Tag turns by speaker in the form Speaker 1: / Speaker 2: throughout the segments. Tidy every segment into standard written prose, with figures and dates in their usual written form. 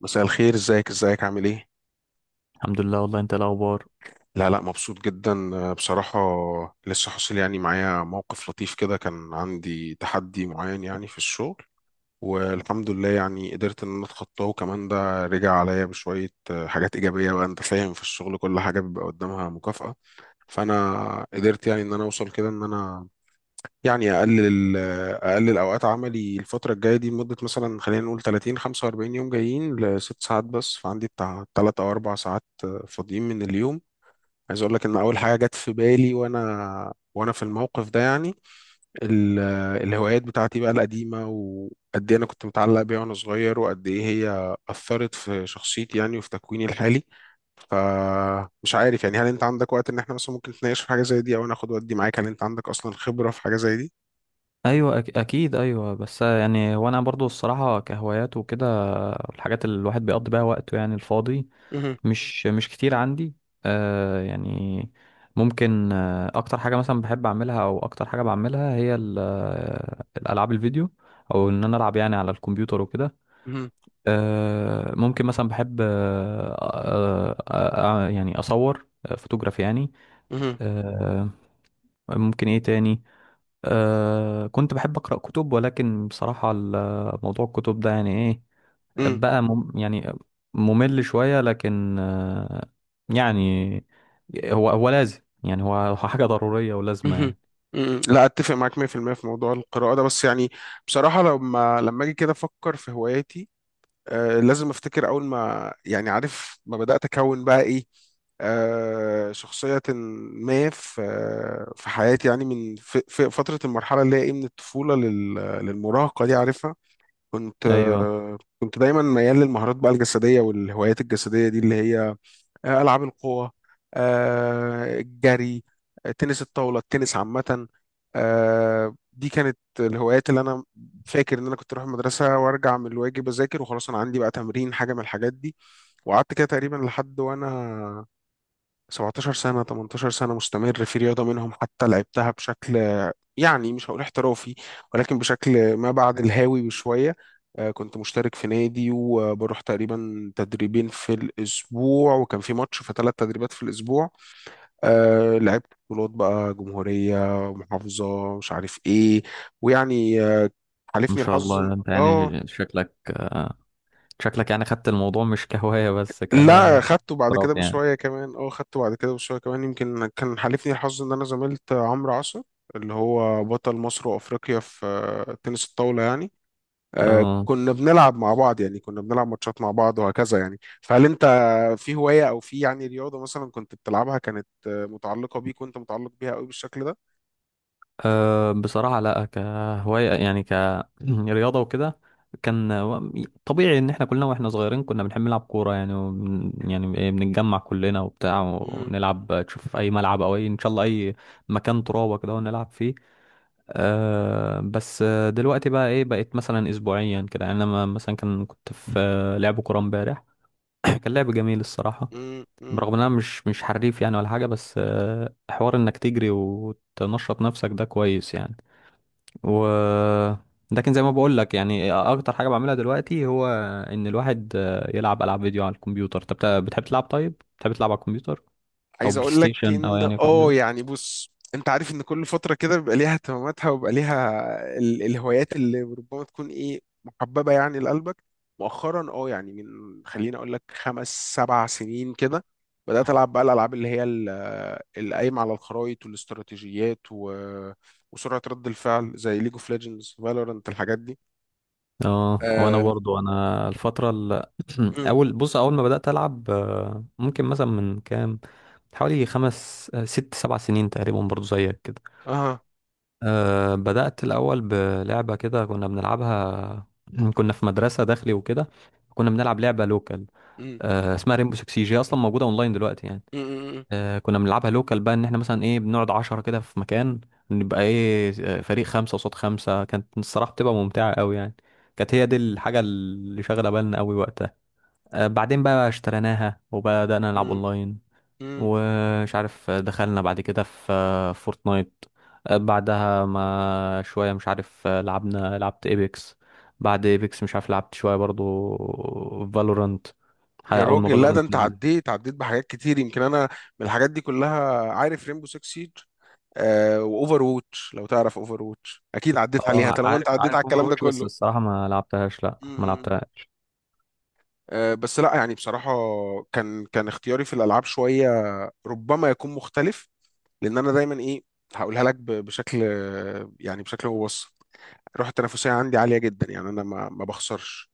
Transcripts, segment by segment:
Speaker 1: مساء الخير، ازيك عامل ايه؟
Speaker 2: الحمد لله. والله انت الاخبار؟
Speaker 1: لا لا، مبسوط جدا، بصراحة. لسه حاصل يعني معايا موقف لطيف كده، كان عندي تحدي معين يعني في الشغل. والحمد لله يعني قدرت ان انا اتخطاه، وكمان ده رجع عليا بشوية حاجات ايجابية. بقى انت فاهم، في الشغل كل حاجة بيبقى قدامها مكافأة. فانا قدرت يعني ان انا اوصل كده، ان انا يعني اقلل اوقات عملي الفتره الجايه دي، لمده مثلا خلينا نقول 30 45 يوم، جايين لست ساعات، بس فعندي بتاع 3 او 4 ساعات فاضيين من اليوم. عايز اقول لك ان اول حاجه جت في بالي وانا في الموقف ده يعني ال- الهوايات بتاعتي بقى القديمه، وقد ايه انا كنت متعلق بيها وانا صغير، وقد ايه هي اثرت في شخصيتي يعني وفي تكويني الحالي. فمش عارف يعني، هل انت عندك وقت ان احنا مثلا ممكن نتناقش في حاجه زي دي؟ او انا اخد ودي معاك، هل انت عندك اصلا خبره في حاجه زي دي؟
Speaker 2: ايوه، اكيد ايوه، بس يعني وانا برضو الصراحه كهوايات وكده الحاجات اللي الواحد بيقضي بيها وقته يعني الفاضي مش كتير عندي. آه يعني ممكن اكتر حاجه مثلا بحب اعملها او اكتر حاجه بعملها هي الالعاب الفيديو او ان انا العب يعني على الكمبيوتر وكده.
Speaker 1: مهم.
Speaker 2: ممكن مثلا بحب يعني اصور فوتوغرافي يعني.
Speaker 1: مهم.
Speaker 2: آه ممكن ايه تاني؟ أه كنت بحب أقرأ كتب، ولكن بصراحة موضوع الكتب ده يعني إيه
Speaker 1: مم.
Speaker 2: بقى يعني ممل شوية. لكن أه يعني هو هو لازم يعني هو هو حاجة ضرورية ولازمة
Speaker 1: مهم.
Speaker 2: يعني.
Speaker 1: مم. لا اتفق معاك 100% في المية في موضوع القراءة ده، بس يعني بصراحة لما اجي كده افكر في هواياتي، لازم افتكر اول ما يعني، عارف، ما بدأت اكون بقى ايه، شخصية ما في حياتي يعني، من في فترة المرحلة اللي هي ايه من الطفولة للمراهقة دي، عارفها. كنت
Speaker 2: أيوه.
Speaker 1: آه كنت دايما ميال للمهارات بقى الجسدية، والهوايات الجسدية دي اللي هي ألعاب القوى، الجري، تنس الطاولة، التنس عامة. دي كانت الهوايات اللي أنا فاكر إن أنا كنت أروح المدرسة وأرجع من الواجب، أذاكر وخلاص أنا عندي بقى تمرين حاجة من الحاجات دي. وقعدت كده تقريبا لحد وأنا 17 سنة، 18 سنة مستمر في رياضة منهم، حتى لعبتها بشكل يعني مش هقول احترافي، ولكن بشكل ما بعد الهاوي بشوية. كنت مشترك في نادي، وبروح تقريبا تدريبين في الأسبوع، وكان في ماتش في 3 تدريبات في الأسبوع. لعبت بطولات بقى، جمهورية، محافظة، مش عارف إيه، ويعني
Speaker 2: ما
Speaker 1: حالفني
Speaker 2: شاء
Speaker 1: الحظ
Speaker 2: الله، أنت
Speaker 1: اه،
Speaker 2: يعني شكلك شكلك يعني خدت الموضوع مش كهواية بس.
Speaker 1: لا، خدته بعد
Speaker 2: كاحتراف
Speaker 1: كده
Speaker 2: يعني.
Speaker 1: بشوية كمان. اه، خدته بعد كده بشوية كمان، يمكن كان حالفني الحظ إن أنا زميلت عمرو عصر اللي هو بطل مصر وأفريقيا في تنس الطاولة يعني.
Speaker 2: اه.
Speaker 1: كنا بنلعب مع بعض يعني، كنا بنلعب ماتشات مع بعض وهكذا يعني. فهل انت في هواية، او في يعني رياضة مثلا كنت بتلعبها كانت متعلقة بيك وانت متعلق بيها قوي بالشكل ده؟
Speaker 2: أه بصراحة لا، كهواية يعني. كرياضة وكده. كان و- طبيعي ان احنا كلنا واحنا صغيرين كنا بنحب نلعب كورة، يعني يعني إيه، بنتجمع كلنا وبتاع
Speaker 1: مم،
Speaker 2: ونلعب، تشوف في اي ملعب او اي ان شاء الله اي مكان ترابة كده ونلعب فيه. أه بس دلوقتي بقى ايه بقيت مثلا اسبوعيا كده، يعني انا مثلا كنت في لعب كورة امبارح. كان لعب جميل الصراحة.
Speaker 1: مم، مم.
Speaker 2: برغم ان انا مش حريف يعني ولا حاجة، بس حوار انك تجري وتنشط نفسك ده كويس يعني. و لكن زي ما بقول لك يعني اكتر حاجه بعملها دلوقتي هو ان الواحد يلعب العاب فيديو على الكمبيوتر. طب بتحب تلعب، طيب بتحب تلعب على الكمبيوتر او
Speaker 1: عايز
Speaker 2: بلاي
Speaker 1: اقول لك
Speaker 2: ستيشن او
Speaker 1: ان
Speaker 2: يعني يكون
Speaker 1: اه
Speaker 2: كده؟
Speaker 1: يعني، بص، انت عارف ان كل فتره كده بيبقى ليها اهتماماتها، وبيبقى ليها الهوايات اللي ربما تكون ايه محببه يعني لقلبك. مؤخرا اه يعني، من خليني اقول لك خمس سبع سنين كده، بدات العب بقى الالعاب اللي هي اللي قايمه على الخرايط والاستراتيجيات و... وسرعه رد الفعل، زي ليج اوف ليجندز، فالورانت، الحاجات دي.
Speaker 2: اه، وانا
Speaker 1: اه،
Speaker 2: برضو انا الفتره اول ما بدات العب ممكن مثلا من كام، حوالي خمس ست سبع سنين تقريبا، برضو زيك كده.
Speaker 1: اه، آه.
Speaker 2: أه بدأت الأول بلعبة كده كنا بنلعبها كنا في مدرسة داخلي وكده، كنا بنلعب لعبة لوكال
Speaker 1: مم.
Speaker 2: اسمها ريمبو 6. جي اصلا موجوده اونلاين دلوقتي يعني.
Speaker 1: مم.
Speaker 2: كنا بنلعبها لوكال بقى، ان احنا مثلا ايه بنقعد 10 كده في مكان، نبقى ايه فريق 5 قصاد 5. كانت الصراحة بتبقى ممتعة قوي يعني. كانت هي دي الحاجة اللي شاغلة بالنا قوي وقتها. بعدين بقى اشتريناها وبدأنا نلعب
Speaker 1: مم.
Speaker 2: اونلاين.
Speaker 1: مم.
Speaker 2: ومش عارف، دخلنا بعد كده في فورتنايت. بعدها ما شوية مش عارف، آه، لعبنا لعبت ايبكس. بعد ايبكس مش عارف لعبت شوية برضو فالورانت.
Speaker 1: يا
Speaker 2: اول ما
Speaker 1: راجل، لا، ده
Speaker 2: فالورانت
Speaker 1: انت
Speaker 2: نزل.
Speaker 1: عديت بحاجات كتير، يمكن انا من الحاجات دي كلها عارف ريمبو 6 سيج، آه، واوفر ووتش. لو تعرف اوفر ووتش اكيد عديت عليها
Speaker 2: اه
Speaker 1: طالما
Speaker 2: عارف
Speaker 1: انت عديت
Speaker 2: عارف
Speaker 1: على
Speaker 2: اوفر
Speaker 1: الكلام ده
Speaker 2: واتش، بس
Speaker 1: كله.
Speaker 2: الصراحه ما لعبتهاش، لا
Speaker 1: م-
Speaker 2: ما
Speaker 1: م-
Speaker 2: لعبتهاش.
Speaker 1: بس لا، يعني بصراحة كان اختياري في الالعاب شوية ربما يكون مختلف، لان انا دايما ايه، هقولها لك بشكل يعني، بشكل مبسط. الروح التنافسية عندي عالية جدا، يعني انا ما بخسرش،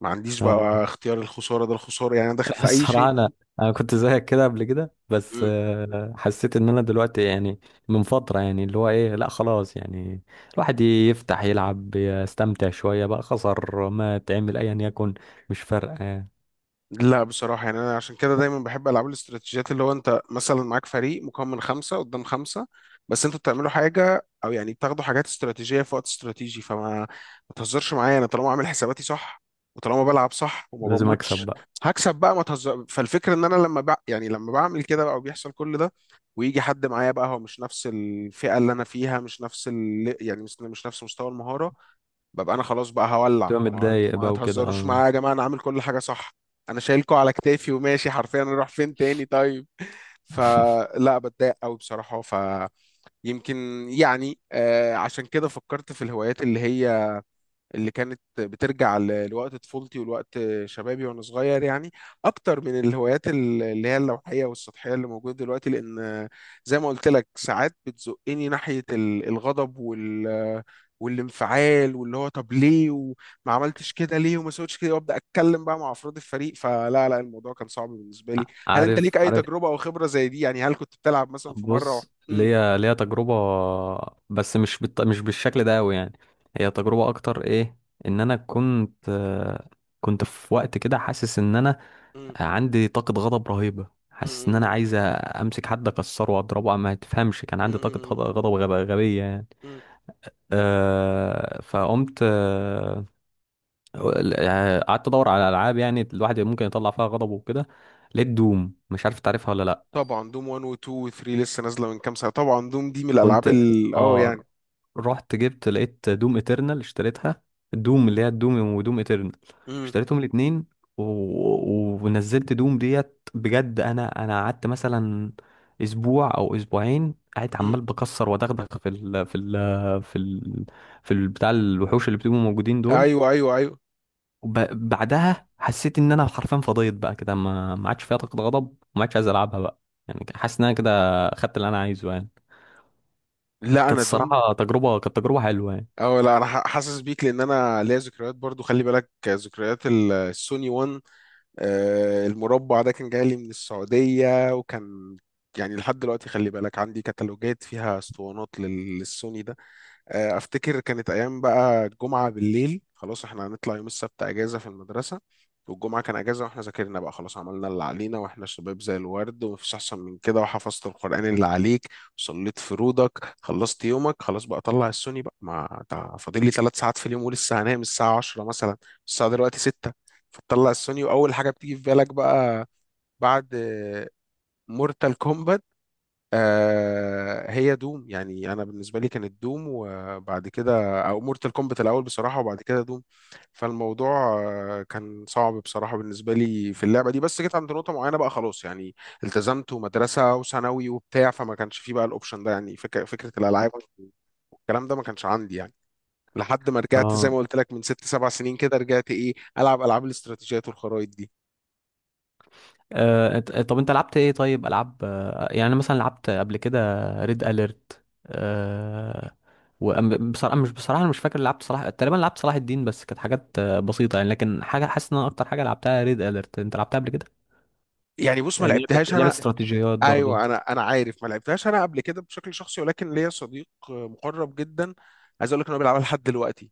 Speaker 1: ما عنديش
Speaker 2: اه.
Speaker 1: بقى اختيار الخسارة. ده الخسارة يعني انا داخل في اي
Speaker 2: الصراحه انا كنت زيك كده قبل كده، بس
Speaker 1: شيء.
Speaker 2: حسيت ان انا دلوقتي يعني من فتره يعني اللي هو ايه، لا خلاص يعني الواحد يفتح يلعب يستمتع شويه، بقى خسر ما تعمل ايا يكن مش فارقه يعني.
Speaker 1: لا بصراحة يعني أنا عشان كده دايما بحب ألعاب الاستراتيجيات، اللي هو أنت مثلا معاك فريق مكون من خمسة قدام خمسة، بس أنتوا بتعملوا حاجة، أو يعني بتاخدوا حاجات استراتيجية في وقت استراتيجي، فما ما تهزرش معايا، أنا طالما عامل حساباتي صح وطالما بلعب صح وما
Speaker 2: لازم اكسب
Speaker 1: بموتش
Speaker 2: بقى.
Speaker 1: هكسب بقى، ما تهزر. فالفكرة إن أنا يعني لما بعمل كده بقى وبيحصل كل ده، ويجي حد معايا بقى هو مش نفس الفئة اللي أنا فيها، مش نفس يعني مش مش نفس مستوى المهارة، ببقى انا خلاص بقى هولع.
Speaker 2: تبقى
Speaker 1: ما هو انتوا
Speaker 2: متضايق
Speaker 1: ما
Speaker 2: بقى وكده،
Speaker 1: تهزروش
Speaker 2: اه.
Speaker 1: معايا يا جماعه، انا عامل كل حاجه صح، انا شايلكوا على كتافي وماشي حرفيا، اروح فين تاني طيب؟ فلا، بتضايق قوي بصراحه. فيمكن يعني آه، عشان كده فكرت في الهوايات اللي هي اللي كانت بترجع لوقت طفولتي ولوقت شبابي وانا صغير يعني، اكتر من الهوايات اللي هي اللوحيه والسطحيه اللي موجوده دلوقتي، لان زي ما قلت لك ساعات بتزقني ناحيه الغضب والانفعال، واللي هو طب ليه وما عملتش كده، ليه وما سويتش كده، وابدا اتكلم بقى مع افراد الفريق. فلا لا، الموضوع كان صعب بالنسبه لي. هل انت ليك
Speaker 2: عارف
Speaker 1: اي
Speaker 2: عارف.
Speaker 1: تجربه او خبره زي دي يعني؟ هل كنت بتلعب مثلا في مره و.
Speaker 2: بص،
Speaker 1: م-
Speaker 2: ليا تجربة، بس مش بالشكل ده قوي يعني. هي تجربة اكتر ايه، ان انا كنت كنت في وقت كده حاسس ان انا
Speaker 1: م-
Speaker 2: عندي طاقة غضب رهيبة، حاسس ان انا
Speaker 1: م-
Speaker 2: عايز امسك حد اكسره واضربه، ما تفهمش، كان
Speaker 1: م-
Speaker 2: عندي طاقة
Speaker 1: م-
Speaker 2: غبية يعني.
Speaker 1: م- م-
Speaker 2: أه فقمت قعدت ادور على العاب يعني الواحد ممكن يطلع فيها غضبه وكده، لقيت دوم. مش عارف تعرفها ولا لا؟
Speaker 1: طبعا، دوم 1 و 2 و 3 لسه نازله من كام سنه. طبعا دوم دي من الالعاب
Speaker 2: كنت
Speaker 1: ال اه
Speaker 2: اه،
Speaker 1: يعني.
Speaker 2: رحت جبت، لقيت دوم اترنال اشتريتها. دوم، اللي هي الدوم ودوم اترنال،
Speaker 1: امم.
Speaker 2: اشتريتهم الاتنين. ونزلت دوم ديت بجد. انا قعدت مثلا اسبوع او اسبوعين قاعد
Speaker 1: امم.
Speaker 2: عمال بكسر ودغدغ في في ال... بتاع الوحوش اللي بتبقوا موجودين دول.
Speaker 1: ايوه، ايوه، ايوه.
Speaker 2: وب... بعدها حسيت ان انا حرفيا فضيت بقى كده، ما عادش فيها طاقة غضب وما عادش عايز العبها بقى. يعني حاسس ان انا كده خدت اللي انا عايزه يعني.
Speaker 1: لا،
Speaker 2: كانت
Speaker 1: انا دوم.
Speaker 2: الصراحة تجربة، كانت تجربة حلوة يعني.
Speaker 1: اه، لا، انا حاسس بيك، لان انا ليا ذكريات برضو، خلي بالك، ذكريات السوني 1. المربع ده كان جاي لي من السعوديه، وكان يعني لحد دلوقتي خلي بالك عندي كتالوجات فيها اسطوانات للسوني ده. افتكر كانت ايام بقى، الجمعه بالليل خلاص احنا هنطلع، يوم السبت اجازه في المدرسه، والجمعه كان اجازه، واحنا ذاكرنا بقى خلاص، عملنا اللي علينا، واحنا شباب زي الورد ومفيش احسن من كده، وحفظت القران اللي عليك، وصليت فروضك، خلصت يومك، خلاص بقى طلع السوني بقى. ما تع- فاضل لي 3 ساعات في اليوم ولسه هنام الساعه 10 مثلا، الساعه دلوقتي 6. فتطلع السوني، واول حاجه بتيجي في بالك بقى بعد مورتال كومبات، هي دوم. يعني انا بالنسبه لي كانت دوم وبعد كده، او مورتال كومبات الاول بصراحه وبعد كده دوم. فالموضوع كان صعب بصراحه بالنسبه لي في اللعبه دي، بس جيت عند نقطه معينه بقى خلاص يعني، التزمت ومدرسه وثانوي وبتاع، فما كانش فيه بقى الاوبشن ده، يعني فكره الالعاب والكلام ده ما كانش عندي يعني لحد ما رجعت. زي
Speaker 2: اه
Speaker 1: ما قلت لك من ست سبع سنين كده رجعت ايه، العب العاب الاستراتيجيات والخرايط دي.
Speaker 2: طب انت لعبت ايه طيب؟ العاب يعني أنا مثلا لعبت قبل كده ريد اليرت. آه، وبصراحة مش بصراحة انا مش فاكر، لعبت صلاح تقريبا، لعبت صلاح الدين، بس كانت حاجات بسيطة يعني. لكن حاجة حاسس ان انا اكتر حاجة لعبتها ريد اليرت. انت لعبتها قبل كده؟
Speaker 1: يعني بص، ما
Speaker 2: لعبة
Speaker 1: لعبتهاش
Speaker 2: لعبة
Speaker 1: انا.
Speaker 2: استراتيجيات برضو.
Speaker 1: ايوه، انا عارف، ما لعبتهاش انا قبل كده بشكل شخصي، ولكن ليا صديق مقرب جدا، عايز اقول لك ان هو بيلعبها لحد دلوقتي.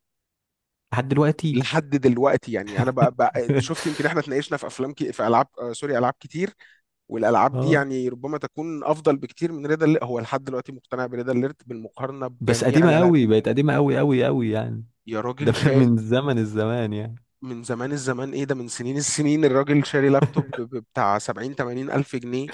Speaker 2: لحد دلوقتي.
Speaker 1: لحد دلوقتي، يعني انا بقى شفت، يمكن احنا اتناقشنا في افلام كي في العاب، سوري، العاب كتير، والالعاب دي
Speaker 2: اه
Speaker 1: يعني ربما تكون افضل بكتير من ريد اليرت. هو لحد دلوقتي مقتنع بريد اليرت بالمقارنه
Speaker 2: بس
Speaker 1: بجميع
Speaker 2: قديمة
Speaker 1: الالعاب.
Speaker 2: قوي، بقت قديمة قوي قوي قوي يعني.
Speaker 1: يا
Speaker 2: ده
Speaker 1: راجل شاء،
Speaker 2: من زمن الزمان يعني.
Speaker 1: من زمان الزمان، ايه ده، من سنين السنين، الراجل شاري لابتوب بتاع 70 80 الف جنيه،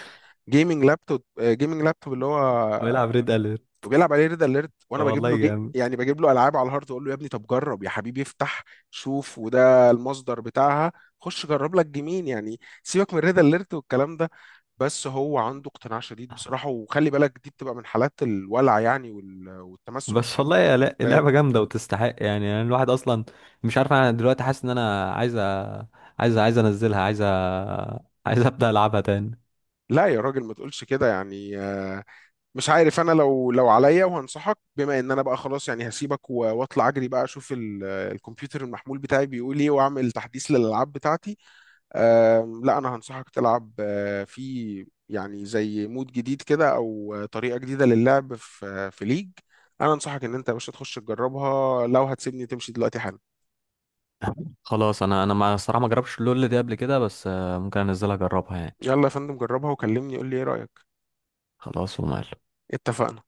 Speaker 1: جيمنج لابتوب، جيمنج لابتوب اللي هو،
Speaker 2: ويلعب ريد اليرت،
Speaker 1: وبيلعب عليه ريد اليرت. وانا بجيب
Speaker 2: والله
Speaker 1: له جي
Speaker 2: جامد.
Speaker 1: يعني، بجيب له العاب على الهارد، اقول له يا ابني طب جرب يا حبيبي، افتح، شوف، وده المصدر بتاعها، خش جرب لك جيمين يعني، سيبك من ريد اليرت والكلام ده. بس هو عنده اقتناع شديد بصراحه، وخلي بالك دي بتبقى من حالات الولع يعني والتمسك
Speaker 2: بس
Speaker 1: الشديد
Speaker 2: والله يا
Speaker 1: بالذات.
Speaker 2: اللعبة جامدة وتستحق يعني، يعني الواحد أصلا مش عارف، أنا دلوقتي حاسس إن أنا عايز أنزلها، عايز أبدأ ألعبها تاني.
Speaker 1: لا يا راجل ما تقولش كده يعني، مش عارف انا، لو عليا، وهنصحك بما ان انا بقى خلاص يعني هسيبك واطلع اجري بقى، اشوف الكمبيوتر المحمول بتاعي بيقول ايه، واعمل تحديث للالعاب بتاعتي. لا، انا هنصحك تلعب آه، في يعني زي مود جديد كده، او طريقه جديده للعب في ليج. انا انصحك ان انت يا باشا تخش تجربها. لو هتسيبني تمشي دلوقتي حالا.
Speaker 2: خلاص، أنا ما جربتش اللول دي قبل كده، بس ممكن أنزلها أجربها يعني.
Speaker 1: يلا يا فندم، جربها وكلمني، قول لي ايه رايك.
Speaker 2: خلاص. ومال.
Speaker 1: اتفقنا.